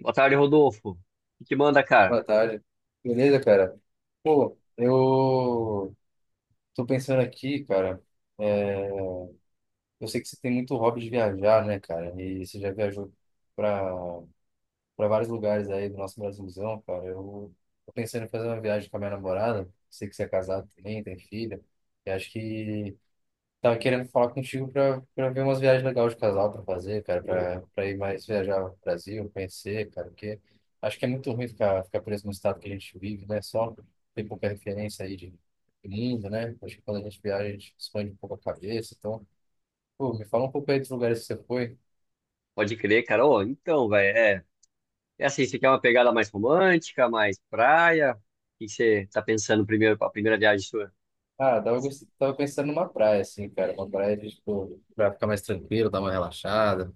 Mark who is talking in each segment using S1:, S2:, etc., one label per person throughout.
S1: Boa tarde, Rodolfo. O que que manda, cara?
S2: Boa tarde. Beleza, cara? Pô, eu tô pensando aqui, cara. é, eu sei que você tem muito hobby de viajar, né, cara? E você já viajou pra, pra vários lugares aí do nosso Brasilzão, cara. Eu tô pensando em fazer uma viagem com a minha namorada. Sei que você é casado também, tem filha. E acho que tava querendo falar contigo pra ver umas viagens legais de casal pra fazer, cara,
S1: Ô,
S2: pra ir mais viajar ao Brasil, conhecer, cara, porque acho que é muito ruim ficar preso no estado que a gente vive, né? Só tem pouca referência aí de mundo, né? Acho que quando a gente viaja, a gente expande um pouco a cabeça. Então, pô, me fala um pouco aí dos lugares que você foi.
S1: pode crer, cara. Ô, então, velho, é assim, você quer uma pegada mais romântica, mais praia? O que que você tá pensando primeiro para a primeira viagem sua?
S2: Ah, tava pensando numa praia, assim, cara, uma praia de, tipo, pra ficar mais tranquilo, dar uma relaxada.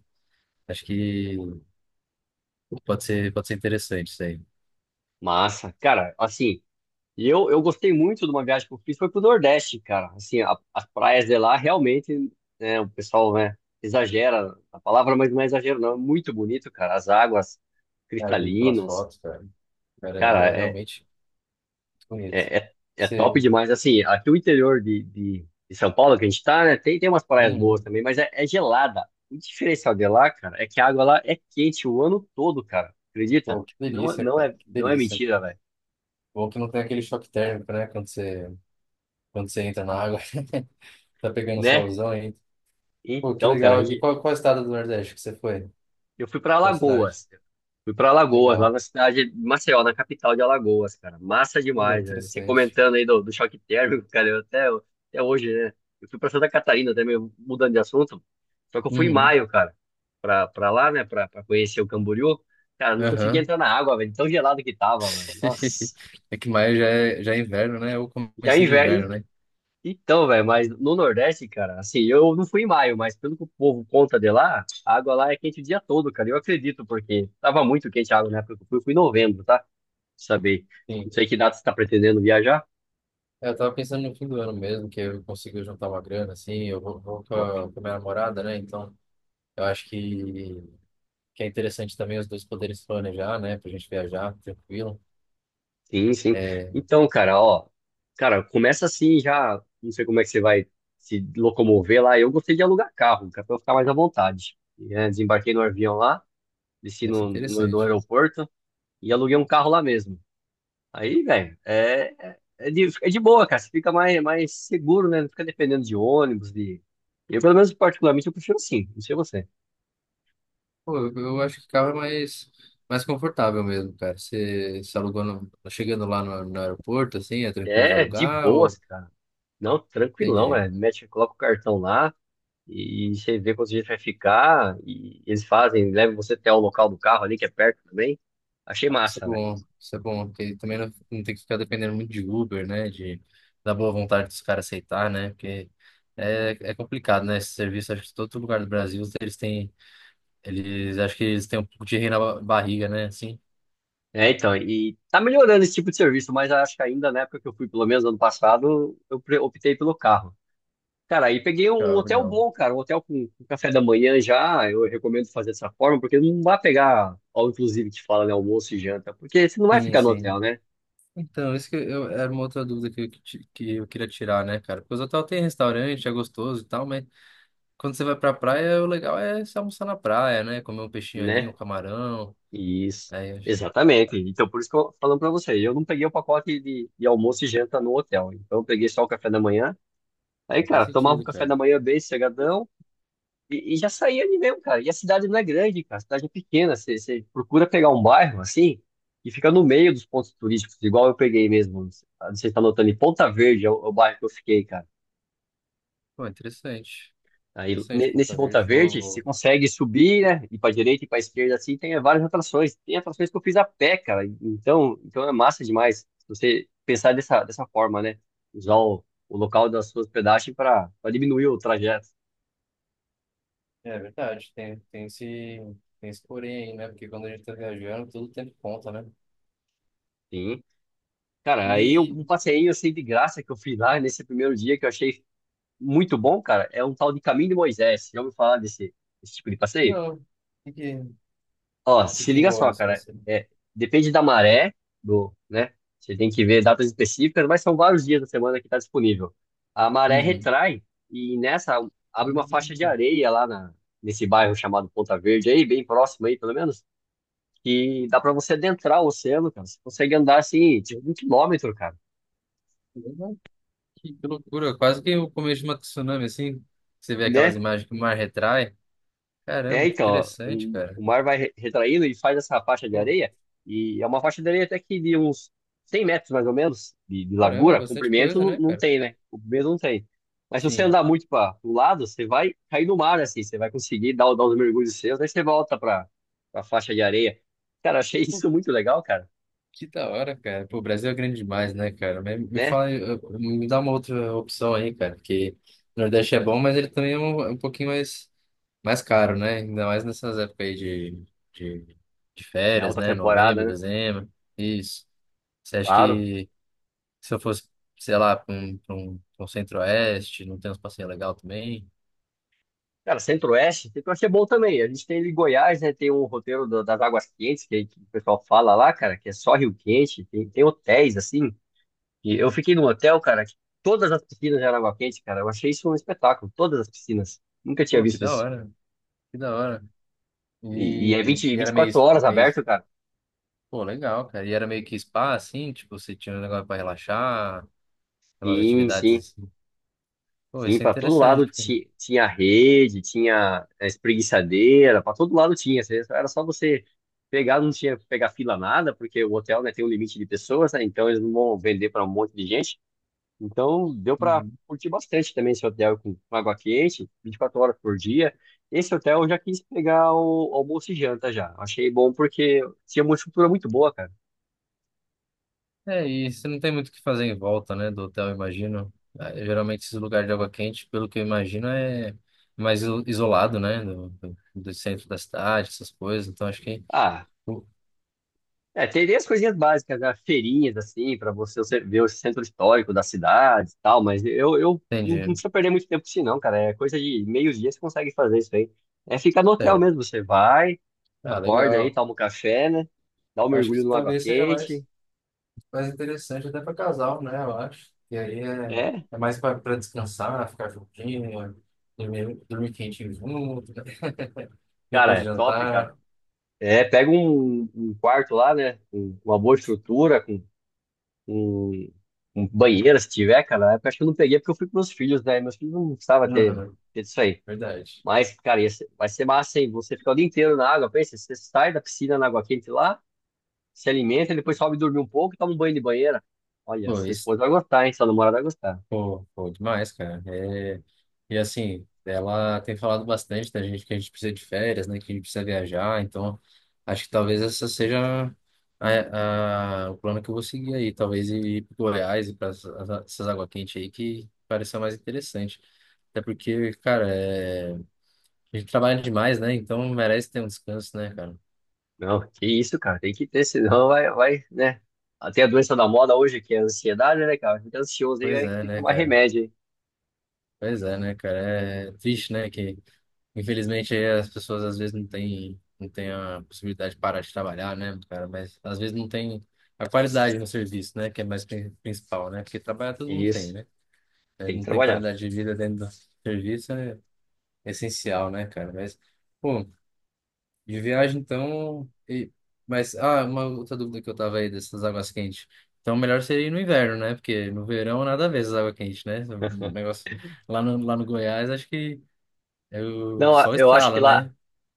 S2: Acho que pode ser interessante isso aí.
S1: Massa. Cara, assim, eu gostei muito de uma viagem que eu fiz, foi pro Nordeste, cara. Assim, as praias de lá, realmente, né, o pessoal, né, exagera a palavra, mas não é exagero, não. É muito bonito, cara. As águas
S2: Ah, eu vi pelas
S1: cristalinas.
S2: fotos, cara. Cara,
S1: Cara,
S2: é
S1: é,
S2: realmente. Bonito.
S1: É, é, é top
S2: Você...
S1: demais. Assim, aqui o interior de São Paulo que a gente tá, né? Tem umas praias boas
S2: Uhum.
S1: também, mas é gelada. O diferencial de lá, cara, é que a água lá é quente o ano todo, cara. Acredita?
S2: Pô, que
S1: Não,
S2: delícia,
S1: não
S2: cara.
S1: é,
S2: Que
S1: não é
S2: delícia.
S1: mentira, velho.
S2: Bom que não tem aquele choque térmico, né? Quando você entra na água. Tá pegando
S1: Né?
S2: solzão ainda. Pô, que
S1: Então, cara,
S2: legal. E qual estado do Nordeste que você foi?
S1: eu fui para
S2: Qual cidade?
S1: Alagoas. Fui para Alagoas, lá
S2: Legal.
S1: na cidade de Maceió, na capital de Alagoas, cara. Massa
S2: Pô,
S1: demais, né? Você
S2: interessante.
S1: comentando aí do choque térmico, cara, eu até hoje, né? Eu fui para Santa Catarina também, mudando de assunto. Só que eu fui em
S2: Uhum.
S1: maio, cara, pra lá, né, pra conhecer o Camboriú. Cara, não conseguia
S2: Aham.
S1: entrar na água, velho, tão gelado que tava, mano. Nossa.
S2: É que maio já é inverno, né? Ou
S1: Já é
S2: comecinho do
S1: inverno,
S2: inverno, né?
S1: então, velho, mas no Nordeste, cara, assim, eu não fui em maio, mas pelo que o povo conta de lá, a água lá é quente o dia todo, cara. Eu acredito, porque tava muito quente a água na época que eu fui. Eu fui em novembro, tá? Pra saber. Não
S2: Sim.
S1: sei que data você tá pretendendo viajar.
S2: É, eu tava pensando no fim do ano mesmo, que eu consigo juntar uma grana, assim, eu vou
S1: Top.
S2: com a minha namorada, né? Então, eu acho que é interessante também os dois poderem se planejar, né? Pra gente viajar tranquilo.
S1: Sim, sim.
S2: É,
S1: Então, cara, ó, cara, começa assim já. Não sei como é que você vai se locomover lá. Eu gostei de alugar carro, cara, pra eu ficar mais à vontade. E, desembarquei no avião lá, desci
S2: vai ser
S1: no
S2: interessante.
S1: aeroporto e aluguei um carro lá mesmo. Aí, velho, é de boa, cara. Você fica mais seguro, né? Não fica dependendo de ônibus, de. Eu, pelo menos, particularmente, eu prefiro assim, não sei você.
S2: Pô, eu acho que carro é mais confortável mesmo, cara. Você se alugou no- chegando lá no aeroporto, assim, é tranquilo de
S1: É de
S2: alugar
S1: boas,
S2: ou...
S1: cara. Não, tranquilão,
S2: Entendi.
S1: velho. Mete, coloca o cartão lá e você vê quanto gente vai ficar. E eles fazem, levam você até o local do carro ali, que é perto também. Achei massa, velho.
S2: Isso é bom, porque também não tem que ficar dependendo muito de Uber, né? Da boa vontade dos caras aceitar, né? Porque é complicado, né? Esse serviço, acho que todo lugar do Brasil, eles, acho que eles têm um pouco de rei na barriga, né? Assim.
S1: É, então, e tá melhorando esse tipo de serviço, mas acho que ainda na época que eu fui, pelo menos ano passado, eu optei pelo carro. Cara, aí peguei um
S2: Legal,
S1: hotel
S2: legal.
S1: bom, cara, um hotel com café da manhã já. Eu recomendo fazer dessa forma, porque não vai pegar, ao inclusive, que fala, né, almoço e janta, porque você não vai
S2: Sim,
S1: ficar no
S2: sim.
S1: hotel, né?
S2: Então, isso que eu, era uma outra dúvida que que eu queria tirar, né, cara? Porque os hotel tem restaurante, é gostoso e tal, mas quando você vai pra praia, o legal é se almoçar na praia, né? Comer um peixinho ali, um
S1: Né?
S2: camarão.
S1: Isso.
S2: Aí, eu acho que
S1: Exatamente. Então, por isso que eu falando pra você, eu não peguei o pacote de almoço e janta no hotel. Então, eu peguei só o café da manhã. Aí,
S2: não faz
S1: cara, tomava o
S2: sentido,
S1: café
S2: cara.
S1: da manhã bem sossegadão. E já saía ali mesmo, cara. E a cidade não é grande, cara. A cidade é pequena. Você procura pegar um bairro assim e fica no meio dos pontos turísticos, igual eu peguei mesmo. Não sei se tá notando, em Ponta Verde é o bairro que eu fiquei, cara.
S2: Pô, interessante.
S1: Aí,
S2: Interessante,
S1: nesse
S2: Ponta
S1: Ponta
S2: Verde. Vou,
S1: Verde, você
S2: vou...
S1: consegue subir, né? Ir pra direita e pra esquerda, assim, tem várias atrações. Tem atrações que eu fiz a pé, cara. Então é massa demais. Se você pensar dessa forma, né? Usar o local da sua hospedagem para diminuir o trajeto.
S2: É verdade, tem esse porém aí, né? Porque quando a gente tá viajando, tudo tem conta, né?
S1: Sim. Cara,
S2: E,
S1: um passeio assim de graça que eu fiz lá nesse primeiro dia que eu achei muito bom, cara, é um tal de Caminho de Moisés. Já ouviu falar desse tipo de passeio?
S2: não, o
S1: Ó,
S2: que
S1: se
S2: que
S1: liga
S2: envolve
S1: só,
S2: esse
S1: cara,
S2: passeio?
S1: depende da maré, do, né? Você tem que ver datas específicas, mas são vários dias da semana que está disponível. A maré
S2: Uhum.
S1: retrai e nessa abre uma faixa de areia nesse bairro chamado Ponta Verde, aí bem próximo aí, pelo menos, que dá para você adentrar o oceano, cara. Você consegue andar assim, tipo, 1 km, cara,
S2: Hum, que loucura, quase que o começo de uma tsunami, assim, você vê aquelas
S1: né?
S2: imagens que o mar retrai.
S1: É,
S2: Caramba, que
S1: então, ó,
S2: interessante,
S1: o,
S2: cara.
S1: o mar vai retraindo e faz essa faixa de
S2: Pô,
S1: areia, e é uma faixa de areia até que de uns 100 metros, mais ou menos, de
S2: caramba,
S1: largura,
S2: bastante
S1: comprimento
S2: coisa,
S1: não,
S2: né,
S1: não
S2: cara?
S1: tem, né? Comprimento não tem. Mas se você
S2: Sim.
S1: andar muito para o lado, você vai cair no mar, assim, você vai conseguir dar, dar os mergulhos seus, aí você volta para a faixa de areia. Cara, achei
S2: Pô,
S1: isso muito legal, cara,
S2: que da hora, cara. Pô, o Brasil é grande demais, né, cara? Me
S1: né?
S2: fala, aí, me dá uma outra opção aí, cara, porque o Nordeste é bom, mas ele também é um pouquinho mais caro, né? Ainda mais nessas épocas aí de, de
S1: É
S2: férias,
S1: alta
S2: né?
S1: temporada,
S2: Novembro,
S1: né?
S2: dezembro, isso. Você acha
S1: Claro.
S2: que se eu fosse, sei lá, pra um centro-oeste, não tem uns passeios legal também.
S1: Cara, Centro-Oeste, Centro-Oeste é bom também. A gente tem ali Goiás, né? Tem um roteiro das Águas Quentes, que o pessoal fala lá, cara, que é só Rio Quente. Tem hotéis, assim. E eu fiquei num hotel, cara, que todas as piscinas eram água quente, cara. Eu achei isso um espetáculo. Todas as piscinas. Nunca tinha
S2: Pô, que
S1: visto
S2: da
S1: isso.
S2: hora, que da hora.
S1: E é
S2: E, e
S1: vinte e
S2: era meio,
S1: quatro horas
S2: meio,
S1: aberto, cara.
S2: pô, legal, cara. E era meio que spa, assim, tipo, você tinha um negócio pra relaxar, umas
S1: Sim,
S2: atividades
S1: sim.
S2: assim. Pô,
S1: Sim,
S2: isso é
S1: para todo
S2: interessante,
S1: lado
S2: porque...
S1: tinha rede, tinha a espreguiçadeira, para todo lado tinha. Era só você pegar, não tinha que pegar fila nada, porque o hotel, né, tem um limite de pessoas, né, então eles não vão vender para um monte de gente. Então deu para
S2: Uhum.
S1: curtir bastante também esse hotel com água quente, 24 horas por dia. Esse hotel eu já quis pegar o almoço e janta já. Achei bom porque tinha uma estrutura muito boa, cara.
S2: É, e você não tem muito o que fazer em volta, né, do hotel, eu imagino. Ah, geralmente esses lugares de água quente, pelo que eu imagino, é mais isolado, né, do do centro da cidade, essas coisas. Então, acho que...
S1: Ah, tem as coisinhas básicas, né? Feirinhas, assim, para você ver o centro histórico da cidade e tal, mas eu não
S2: Entendi.
S1: precisa perder muito tempo com isso não, cara. É coisa de meio dia você consegue fazer isso aí. É ficar no hotel mesmo, você vai,
S2: Ah,
S1: acorda aí,
S2: legal.
S1: toma um café, né? Dá um
S2: Acho que
S1: mergulho no água
S2: talvez seja
S1: quente.
S2: mais interessante até para casal, né? Eu acho. E aí é,
S1: É,
S2: é mais para descansar, ficar juntinho, dormir quentinho junto,
S1: cara,
S2: depois
S1: é
S2: do
S1: top, cara.
S2: jantar.
S1: É, pega um quarto lá, né? Com uma boa estrutura, com um, um banheiro, se tiver, cara. Na época, acho que eu não peguei porque eu fui com meus filhos, né? Meus filhos não precisavam ter,
S2: Uhum,
S1: ter isso aí.
S2: verdade.
S1: Mas, cara, vai ser massa, hein? Você ficar o dia inteiro na água, pensa, você sai da piscina na água quente lá, se alimenta, depois sobe dormir um pouco e toma um banho de banheira. Olha,
S2: Bom,
S1: sua
S2: isso
S1: esposa vai gostar, hein? Sua namorada vai gostar.
S2: pô, pô, demais, cara. É, e assim, ela tem falado bastante da gente que a gente precisa de férias, né? Que a gente precisa viajar. Então, acho que talvez essa seja o plano que eu vou seguir aí. Talvez ir para Goiás e para essas água quente aí que pareceu mais interessante. Até porque, cara, é, a gente trabalha demais, né? Então merece ter um descanso, né, cara?
S1: Não, que isso, cara, tem que ter, senão vai, vai, né? Até a doença da moda hoje, que é a ansiedade, né, cara? Fica ansioso aí,
S2: Pois
S1: aí
S2: é,
S1: tem que
S2: né,
S1: tomar
S2: cara?
S1: remédio, hein?
S2: Pois é, né, cara? É triste, né, que infelizmente, aí as pessoas às vezes não têm a possibilidade de parar de trabalhar, né, cara? Mas às vezes não tem a qualidade no serviço, né? Que é mais principal, né? Porque trabalhar todo mundo tem,
S1: Isso,
S2: né? Mas
S1: tem que
S2: não tem
S1: trabalhar.
S2: qualidade de vida dentro do serviço é essencial, né, cara? Mas, pô, de viagem então. Mas, ah, uma outra dúvida que eu tava aí dessas águas quentes. Então, melhor seria ir no inverno, né? Porque no verão nada a ver essas águas quentes, né? O negócio lá no Goiás, acho que é o
S1: Não,
S2: sol
S1: eu acho que
S2: estrala,
S1: lá,
S2: né?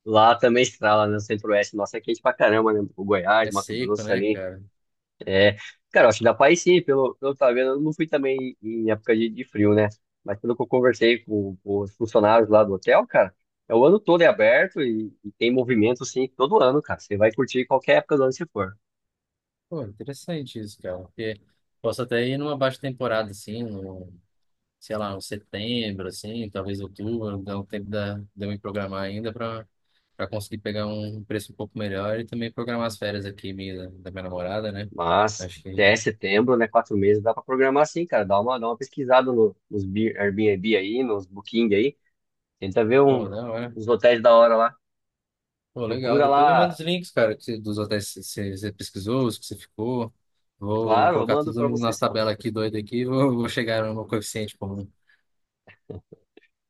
S1: lá também estrala, né? No Centro-Oeste, nossa, é quente pra caramba, né? O Goiás,
S2: É
S1: Mato
S2: seco,
S1: Grosso
S2: né,
S1: ali.
S2: cara?
S1: É, cara, eu acho que dá pra ir sim, pelo que eu tava vendo, eu não fui também em época de frio, né? Mas pelo que eu conversei com os funcionários lá do hotel, cara, é o ano todo é aberto e tem movimento, sim, todo ano, cara. Você vai curtir qualquer época do ano que for.
S2: Pô, interessante isso, cara. Porque posso até ir numa baixa temporada, assim, sei lá, no setembro, assim, talvez outubro, dá um tempo de eu me programar ainda para conseguir pegar um preço um pouco melhor e também programar as férias aqui minha, da minha namorada, né?
S1: Mas,
S2: Acho que,
S1: até setembro, né, 4 meses, dá pra programar sim, cara. Dá uma pesquisada no, nos Bi- Airbnb aí, nos Booking aí. Tenta ver
S2: pô, da hora.
S1: uns hotéis da hora lá.
S2: Pô, legal.
S1: Procura
S2: Depois me manda os
S1: lá,
S2: links, cara, dos hotéis que você pesquisou, os que você ficou. Vou
S1: claro, eu
S2: colocar
S1: mando
S2: tudo
S1: pra
S2: na
S1: você
S2: nossa
S1: sim.
S2: tabela aqui doida aqui e vou chegar no coeficiente comum.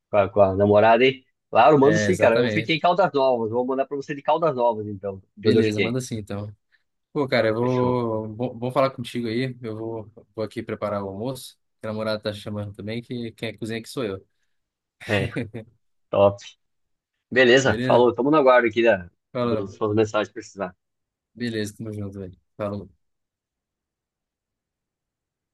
S1: Com a namorada, hein? Claro, mando
S2: É,
S1: sim, cara. Eu fiquei em
S2: exatamente.
S1: Caldas Novas. Vou mandar pra você de Caldas Novas, então, de onde eu
S2: Beleza,
S1: fiquei.
S2: manda assim então. Pô, cara, eu
S1: Fechou.
S2: vou. Bom, bom falar contigo aí. Eu vou aqui preparar o almoço. A namorada tá chamando também, que quem é cozinha aqui sou eu.
S1: É, top. Beleza,
S2: Beleza?
S1: falou. Tamo no aguardo aqui
S2: Fala.
S1: das suas mensagens que precisar.
S2: Beleza, tamo junto, velho. Falou.